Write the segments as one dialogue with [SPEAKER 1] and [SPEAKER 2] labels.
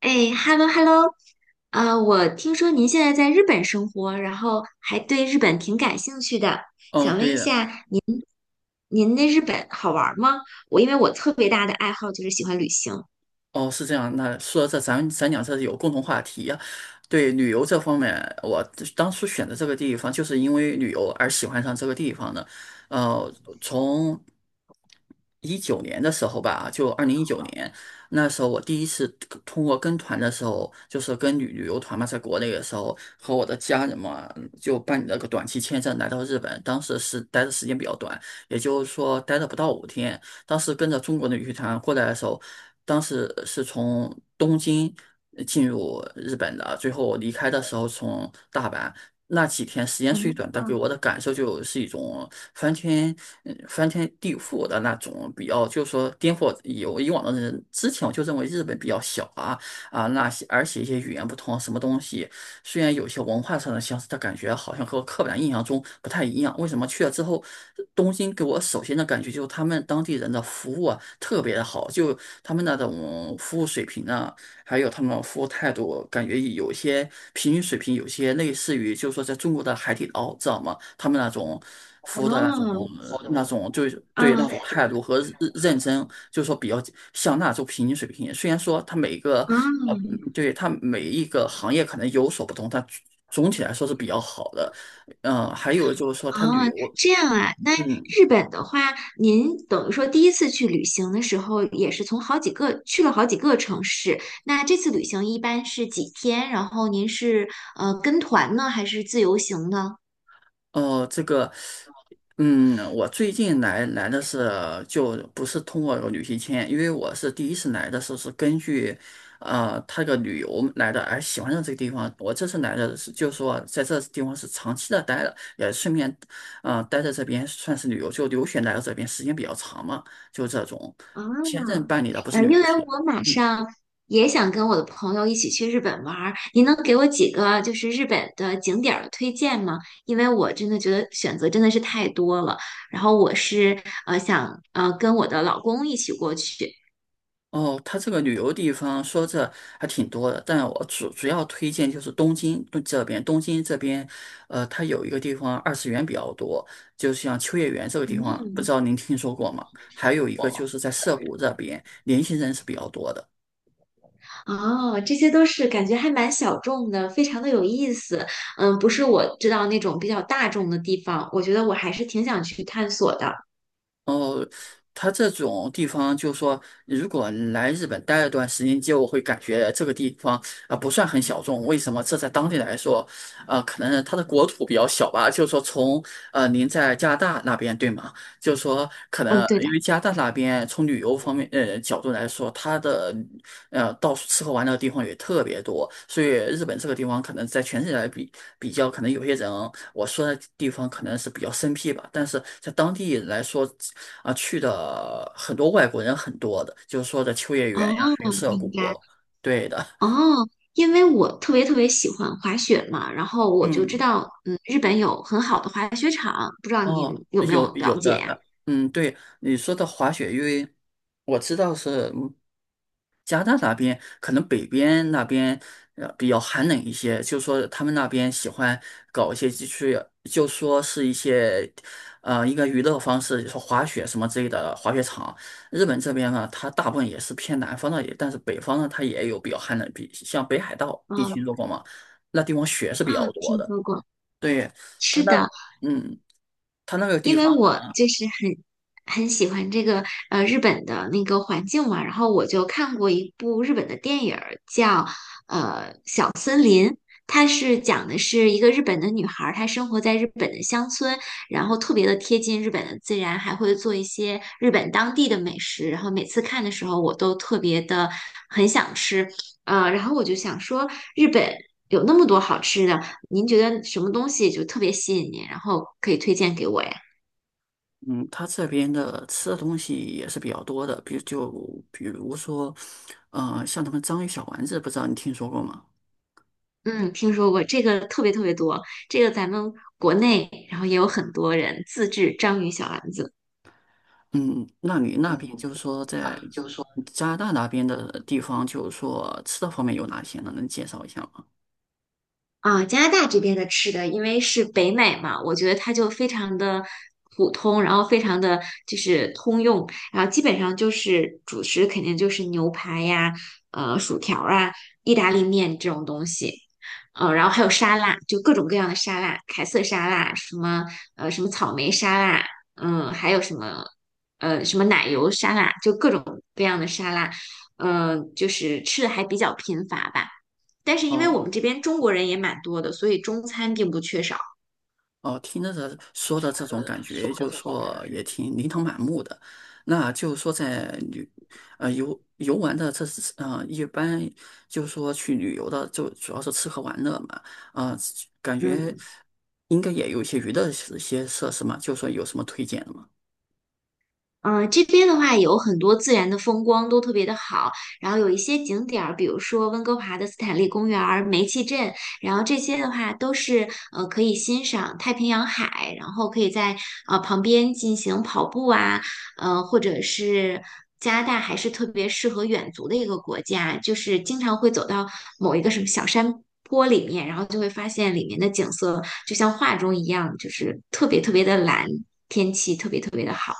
[SPEAKER 1] 哎，hello hello，我听说您现在在日本生活，然后还对日本挺感兴趣的，
[SPEAKER 2] 哦，
[SPEAKER 1] 想问
[SPEAKER 2] 对
[SPEAKER 1] 一
[SPEAKER 2] 的。
[SPEAKER 1] 下，您那日本好玩儿吗？我因为我特别大的爱好就是喜欢旅行。
[SPEAKER 2] 哦，是这样。那说到这，咱俩这是有共同话题呀。对旅游这方面，我当初选择这个地方，就是因为旅游而喜欢上这个地方的。呃，从一九年的时候吧，就2019年，那时候我第一次跟通过跟团的时候，就是跟旅游团嘛，在国内的时候，和我的家人嘛，就办理了个短期签证来到日本。当时是待的时间比较短，也就是说待了不到5天。当时跟着中国的羽团过来的时候，当时是从东京进入日本的，最后离开的时候从大阪。那几天时间虽短，
[SPEAKER 1] 嗯。
[SPEAKER 2] 但给我的感受就是一种翻天、翻天地覆的那种，比较就是说颠覆有以往的人之前，我就认为日本比较小啊啊，那些而且一些语言不通，什么东西虽然有些文化上的相似，但感觉好像和我刻板印象中不太一样。为什么去了之后，东京给我首先的感觉就是他们当地人的服务啊特别的好，就他们那种服务水平呢。还有他们的服务态度，感觉有些平均水平，有些类似于就是说在中国的海底捞，知道吗？他们那种服务的那种
[SPEAKER 1] 哦。
[SPEAKER 2] 那种就是对那
[SPEAKER 1] 嗯。
[SPEAKER 2] 种态度和认真，就是说比较像那种平均水平。虽然说它每一个嗯
[SPEAKER 1] 嗯。
[SPEAKER 2] 对它每一个行业可能有所不同，但总体来说是比较好的。嗯、还有就是说它旅
[SPEAKER 1] 哦，
[SPEAKER 2] 游，
[SPEAKER 1] 这样啊。那
[SPEAKER 2] 嗯。
[SPEAKER 1] 日本的话，您等于说第一次去旅行的时候，也是从好几个去了好几个城市。那这次旅行一般是几天？然后您是跟团呢，还是自由行呢？
[SPEAKER 2] 哦，这个，我最近来的是就不是通过旅行签，因为我是第一次来的时候是根据，他个旅游来的，而喜欢上这个地方。我这次来的是就是说在这地方是长期的待了，也顺便，啊，待在这边算是旅游，就留学来到这边时间比较长嘛，就这种。签证
[SPEAKER 1] 啊，
[SPEAKER 2] 办理的不是旅
[SPEAKER 1] 因为
[SPEAKER 2] 游签。
[SPEAKER 1] 我马
[SPEAKER 2] 嗯。
[SPEAKER 1] 上也想跟我的朋友一起去日本玩儿，您能给我几个就是日本的景点儿的推荐吗？因为我真的觉得选择真的是太多了，然后我是想跟我的老公一起过去。
[SPEAKER 2] 哦，它这个旅游地方说这还挺多的，但我主要推荐就是东京东这边，东京这边，它有一个地方二次元比较多，就像秋叶原这个地方，不
[SPEAKER 1] 嗯。
[SPEAKER 2] 知道您听说过吗？还有一个就是在涩谷这边，年轻人是比较多的。
[SPEAKER 1] 哦，这些都是感觉还蛮小众的，非常的有意思。嗯，不是我知道那种比较大众的地方，我觉得我还是挺想去探索的。
[SPEAKER 2] 哦，他这种地方，就说，如果来日本待了段时间，就会感觉这个地方啊、不算很小众。为什么？这在当地来说，啊、可能它的国土比较小吧。就是说从，您在加拿大那边对吗？就是说，可
[SPEAKER 1] 嗯，
[SPEAKER 2] 能
[SPEAKER 1] 对的。
[SPEAKER 2] 因为加拿大那边从旅游方面角度来说，它的到处吃喝玩乐的地方也特别多，所以日本这个地方可能在全世界来比较，可能有些人我说的地方可能是比较生僻吧，但是在当地来说啊、去的很多外国人很多的，就是说的秋叶原呀，
[SPEAKER 1] 哦，
[SPEAKER 2] 还有涩
[SPEAKER 1] 明
[SPEAKER 2] 谷，
[SPEAKER 1] 白。
[SPEAKER 2] 对的。
[SPEAKER 1] 哦，因为我特别特别喜欢滑雪嘛，然后我就知
[SPEAKER 2] 嗯。
[SPEAKER 1] 道，嗯，日本有很好的滑雪场，不知道您
[SPEAKER 2] 哦，
[SPEAKER 1] 有没
[SPEAKER 2] 有
[SPEAKER 1] 有了
[SPEAKER 2] 有的，
[SPEAKER 1] 解呀？
[SPEAKER 2] 对你说的滑雪，因为我知道是。加拿大那边可能北边那边比较寒冷一些，就说他们那边喜欢搞一些就是就说是一些一个娱乐方式，就是滑雪什么之类的滑雪场。日本这边呢，它大部分也是偏南方的，但是北方呢，它也有比较寒冷，比像北海道地区
[SPEAKER 1] 嗯。
[SPEAKER 2] 如果嘛，那地方雪是比
[SPEAKER 1] 啊，
[SPEAKER 2] 较多
[SPEAKER 1] 听
[SPEAKER 2] 的。
[SPEAKER 1] 说过。
[SPEAKER 2] 对，它
[SPEAKER 1] 是
[SPEAKER 2] 那。
[SPEAKER 1] 的，
[SPEAKER 2] 嗯，它那个地
[SPEAKER 1] 因为
[SPEAKER 2] 方。
[SPEAKER 1] 我就是很喜欢这个日本的那个环境嘛，然后我就看过一部日本的电影儿叫它是讲的是一个日本的女孩儿，她生活在日本的乡村，然后特别的贴近日本的自然，还会做一些日本当地的美食。然后每次看的时候，我都特别的很想吃，然后我就想说，日本有那么多好吃的，您觉得什么东西就特别吸引您，然后可以推荐给我呀？
[SPEAKER 2] 嗯，他这边的吃的东西也是比较多的，比如说，嗯，像他们章鱼小丸子，不知道你听说过吗？
[SPEAKER 1] 嗯，听说过这个特别特别多，这个咱们国内然后也有很多人自制章鱼小丸子。
[SPEAKER 2] 嗯，那你那边就是说在加拿大那边的地方，就是说吃的方面有哪些呢？能介绍一下吗？
[SPEAKER 1] 啊，加拿大这边的吃的，因为是北美嘛，我觉得它就非常的普通，然后非常的就是通用，然后基本上就是主食肯定就是牛排呀、薯条啊、意大利面这种东西，然后还有沙拉，就各种各样的沙拉，凯撒沙拉，什么什么草莓沙拉，嗯、还有什么什么奶油沙拉，就各种各样的沙拉，嗯、就是吃的还比较贫乏吧。但是因为我
[SPEAKER 2] 哦。
[SPEAKER 1] 们这边中国人也蛮多的，所以中餐并不缺少。
[SPEAKER 2] 哦，听着这说的这种感觉，就说也挺琳琅满目的。那就是说在旅，游玩的这是一般就是说去旅游的，就主要是吃喝玩乐嘛。啊、感觉
[SPEAKER 1] 嗯。
[SPEAKER 2] 应该也有一些娱乐一些设施嘛，就说有什么推荐的吗？
[SPEAKER 1] 嗯，这边的话有很多自然的风光都特别的好，然后有一些景点儿，比如说温哥华的斯坦利公园儿、煤气镇，然后这些的话都是可以欣赏太平洋海，然后可以在旁边进行跑步啊，或者是加拿大还是特别适合远足的一个国家，就是经常会走到某一个什么小山坡里面，然后就会发现里面的景色就像画中一样，就是特别特别的蓝，天气特别特别的好。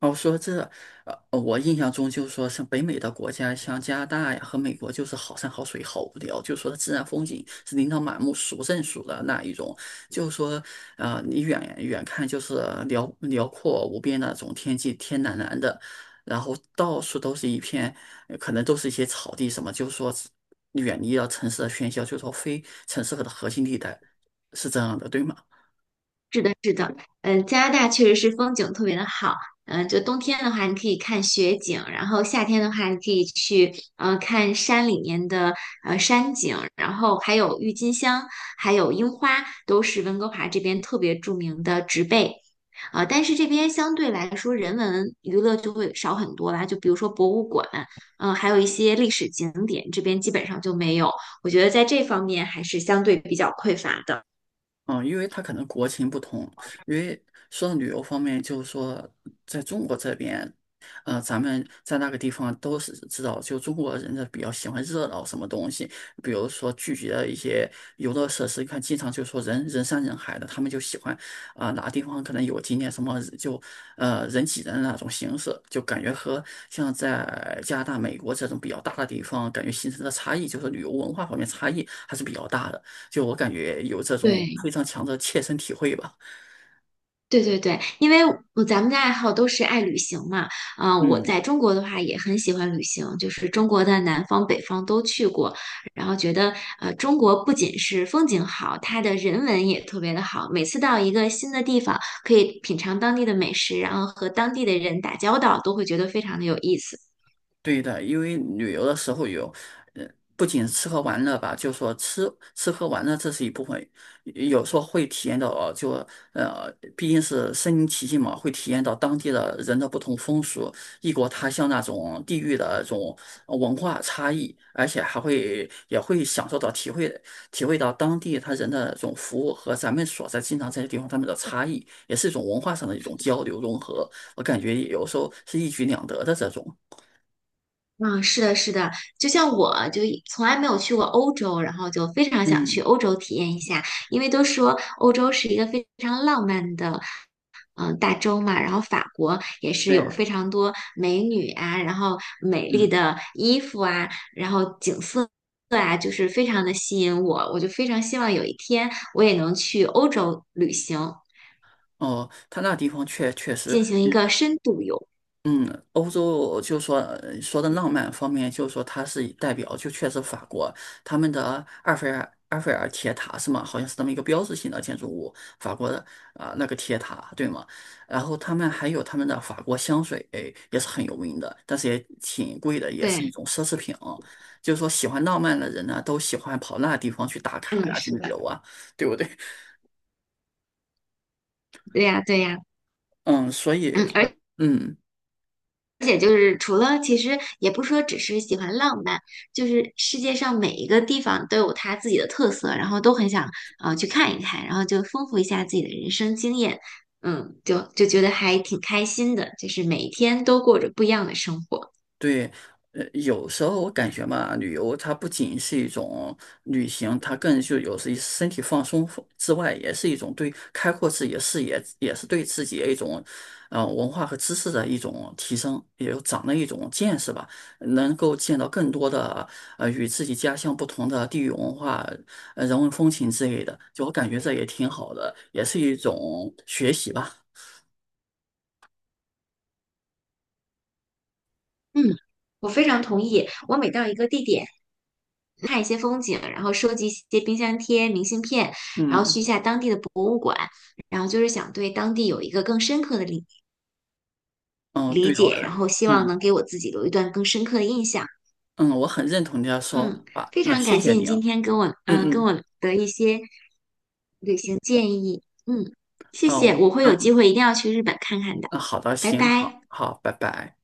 [SPEAKER 2] 哦，说这，我印象中就是说，像北美的国家，像加拿大呀和美国，就是好山好水，好无聊，就是说自然风景是琳琅满目、数不胜数的那一种。就是说，你远远看就是辽阔无边那种天际，天蓝蓝的，然后到处都是一片，可能都是一些草地什么，就是说远离了城市的喧嚣，就是说非城市的核心地带，是这样的，对吗？
[SPEAKER 1] 嗯，加拿大确实是风景特别的好。嗯，就冬天的话，你可以看雪景；然后夏天的话，你可以去嗯看山里面的山景，然后还有郁金香，还有樱花，都是温哥华这边特别著名的植被。啊。但是这边相对来说，人文娱乐就会少很多啦。就比如说博物馆，嗯、还有一些历史景点，这边基本上就没有。我觉得在这方面还是相对比较匮乏的。
[SPEAKER 2] 嗯，因为他可能国情不同，因为说到旅游方面，就是说在中国这边，咱们在那个地方都是知道，就中国人呢比较喜欢热闹什么东西，比如说聚集的一些游乐设施，你看经常就说人山人海的，他们就喜欢啊、哪个地方可能有景点什么就人挤人的那种形式，就感觉和像在加拿大、美国这种比较大的地方，感觉形成的差异，就是旅游文化方面差异还是比较大的。就我感觉有这种
[SPEAKER 1] 对，
[SPEAKER 2] 非常强的切身体会吧。
[SPEAKER 1] 对对对，因为我咱们的爱好都是爱旅行嘛，嗯、我
[SPEAKER 2] 嗯，
[SPEAKER 1] 在中国的话也很喜欢旅行，就是中国的南方、北方都去过，然后觉得中国不仅是风景好，它的人文也特别的好。每次到一个新的地方，可以品尝当地的美食，然后和当地的人打交道，都会觉得非常的有意思。
[SPEAKER 2] 对的，因为旅游的时候有，呃，不仅吃喝玩乐吧，就说吃喝玩乐这是一部分，有时候会体验到，呃就呃，毕竟是身临其境嘛，会体验到当地的人的不同风俗、异国他乡那种地域的这种文化差异，而且还会也会享受到、体会到当地他人的这种服务和咱们所在经常在的地方他们的差异，也是一种文化上的一种交流融合，我感觉有时候是一举两得的这种。
[SPEAKER 1] 嗯，是的，是的，就像我就一从来没有去过欧洲，然后就非常想去
[SPEAKER 2] 嗯。
[SPEAKER 1] 欧洲体验一下，因为都说欧洲是一个非常浪漫的，嗯、大洲嘛，然后法国也是
[SPEAKER 2] 对。
[SPEAKER 1] 有非常多美女啊，然后美丽
[SPEAKER 2] 嗯。
[SPEAKER 1] 的衣服啊，然后景色啊，就是非常的吸引我，我就非常希望有一天我也能去欧洲旅行，
[SPEAKER 2] 哦，他那地方确实，
[SPEAKER 1] 进行一个深度游。
[SPEAKER 2] 嗯，欧洲就说说的浪漫方面，就是说它是代表，就确实法国他们的埃菲尔铁塔是吗？好像是那么一个标志性的建筑物，法国的啊、那个铁塔对吗？然后他们还有他们的法国香水也是很有名的，但是也挺贵的，也是一
[SPEAKER 1] 对，
[SPEAKER 2] 种奢侈品啊就是说喜欢浪漫的人呢，都喜欢跑那地方去打卡
[SPEAKER 1] 嗯，
[SPEAKER 2] 呀，去
[SPEAKER 1] 是
[SPEAKER 2] 旅
[SPEAKER 1] 的，
[SPEAKER 2] 游啊，对不对？
[SPEAKER 1] 对呀，对呀，
[SPEAKER 2] 嗯，所以
[SPEAKER 1] 嗯，
[SPEAKER 2] 说，
[SPEAKER 1] 而。
[SPEAKER 2] 嗯。
[SPEAKER 1] 而且就是除了，其实也不说只是喜欢浪漫，就是世界上每一个地方都有它自己的特色，然后都很想去看一看，然后就丰富一下自己的人生经验，嗯，就觉得还挺开心的，就是每一天都过着不一样的生活。
[SPEAKER 2] 对，有时候我感觉嘛，旅游它不仅是一种旅行，它更就有时身体放松之外，也是一种对开阔自己的视野，也是对自己的一种，文化和知识的一种提升，也有长了一种见识吧，能够见到更多的与自己家乡不同的地域文化、人文风情之类的，就我感觉这也挺好的，也是一种学习吧。
[SPEAKER 1] 嗯，我非常同意，我每到一个地点。看一些风景，然后收集一些冰箱贴、明信片，然后
[SPEAKER 2] 嗯。
[SPEAKER 1] 去一下当地的博物馆，然后就是想对当地有一个更深刻的
[SPEAKER 2] 嗯，
[SPEAKER 1] 理
[SPEAKER 2] 对的我
[SPEAKER 1] 解，
[SPEAKER 2] 很
[SPEAKER 1] 然后希望
[SPEAKER 2] 嗯。
[SPEAKER 1] 能给我自己留一段更深刻的印象。
[SPEAKER 2] 嗯，我很认同你的说
[SPEAKER 1] 嗯，
[SPEAKER 2] 法。
[SPEAKER 1] 非
[SPEAKER 2] 那
[SPEAKER 1] 常
[SPEAKER 2] 谢
[SPEAKER 1] 感谢
[SPEAKER 2] 谢
[SPEAKER 1] 你
[SPEAKER 2] 您。
[SPEAKER 1] 今
[SPEAKER 2] 嗯。
[SPEAKER 1] 天跟我，嗯、跟
[SPEAKER 2] 嗯，
[SPEAKER 1] 我的一些旅行建议。嗯，谢
[SPEAKER 2] 啊，
[SPEAKER 1] 谢，
[SPEAKER 2] 我
[SPEAKER 1] 我会有机会一定要去日本看看的。
[SPEAKER 2] 啊好的，
[SPEAKER 1] 拜
[SPEAKER 2] 行，好
[SPEAKER 1] 拜。
[SPEAKER 2] 好，拜拜。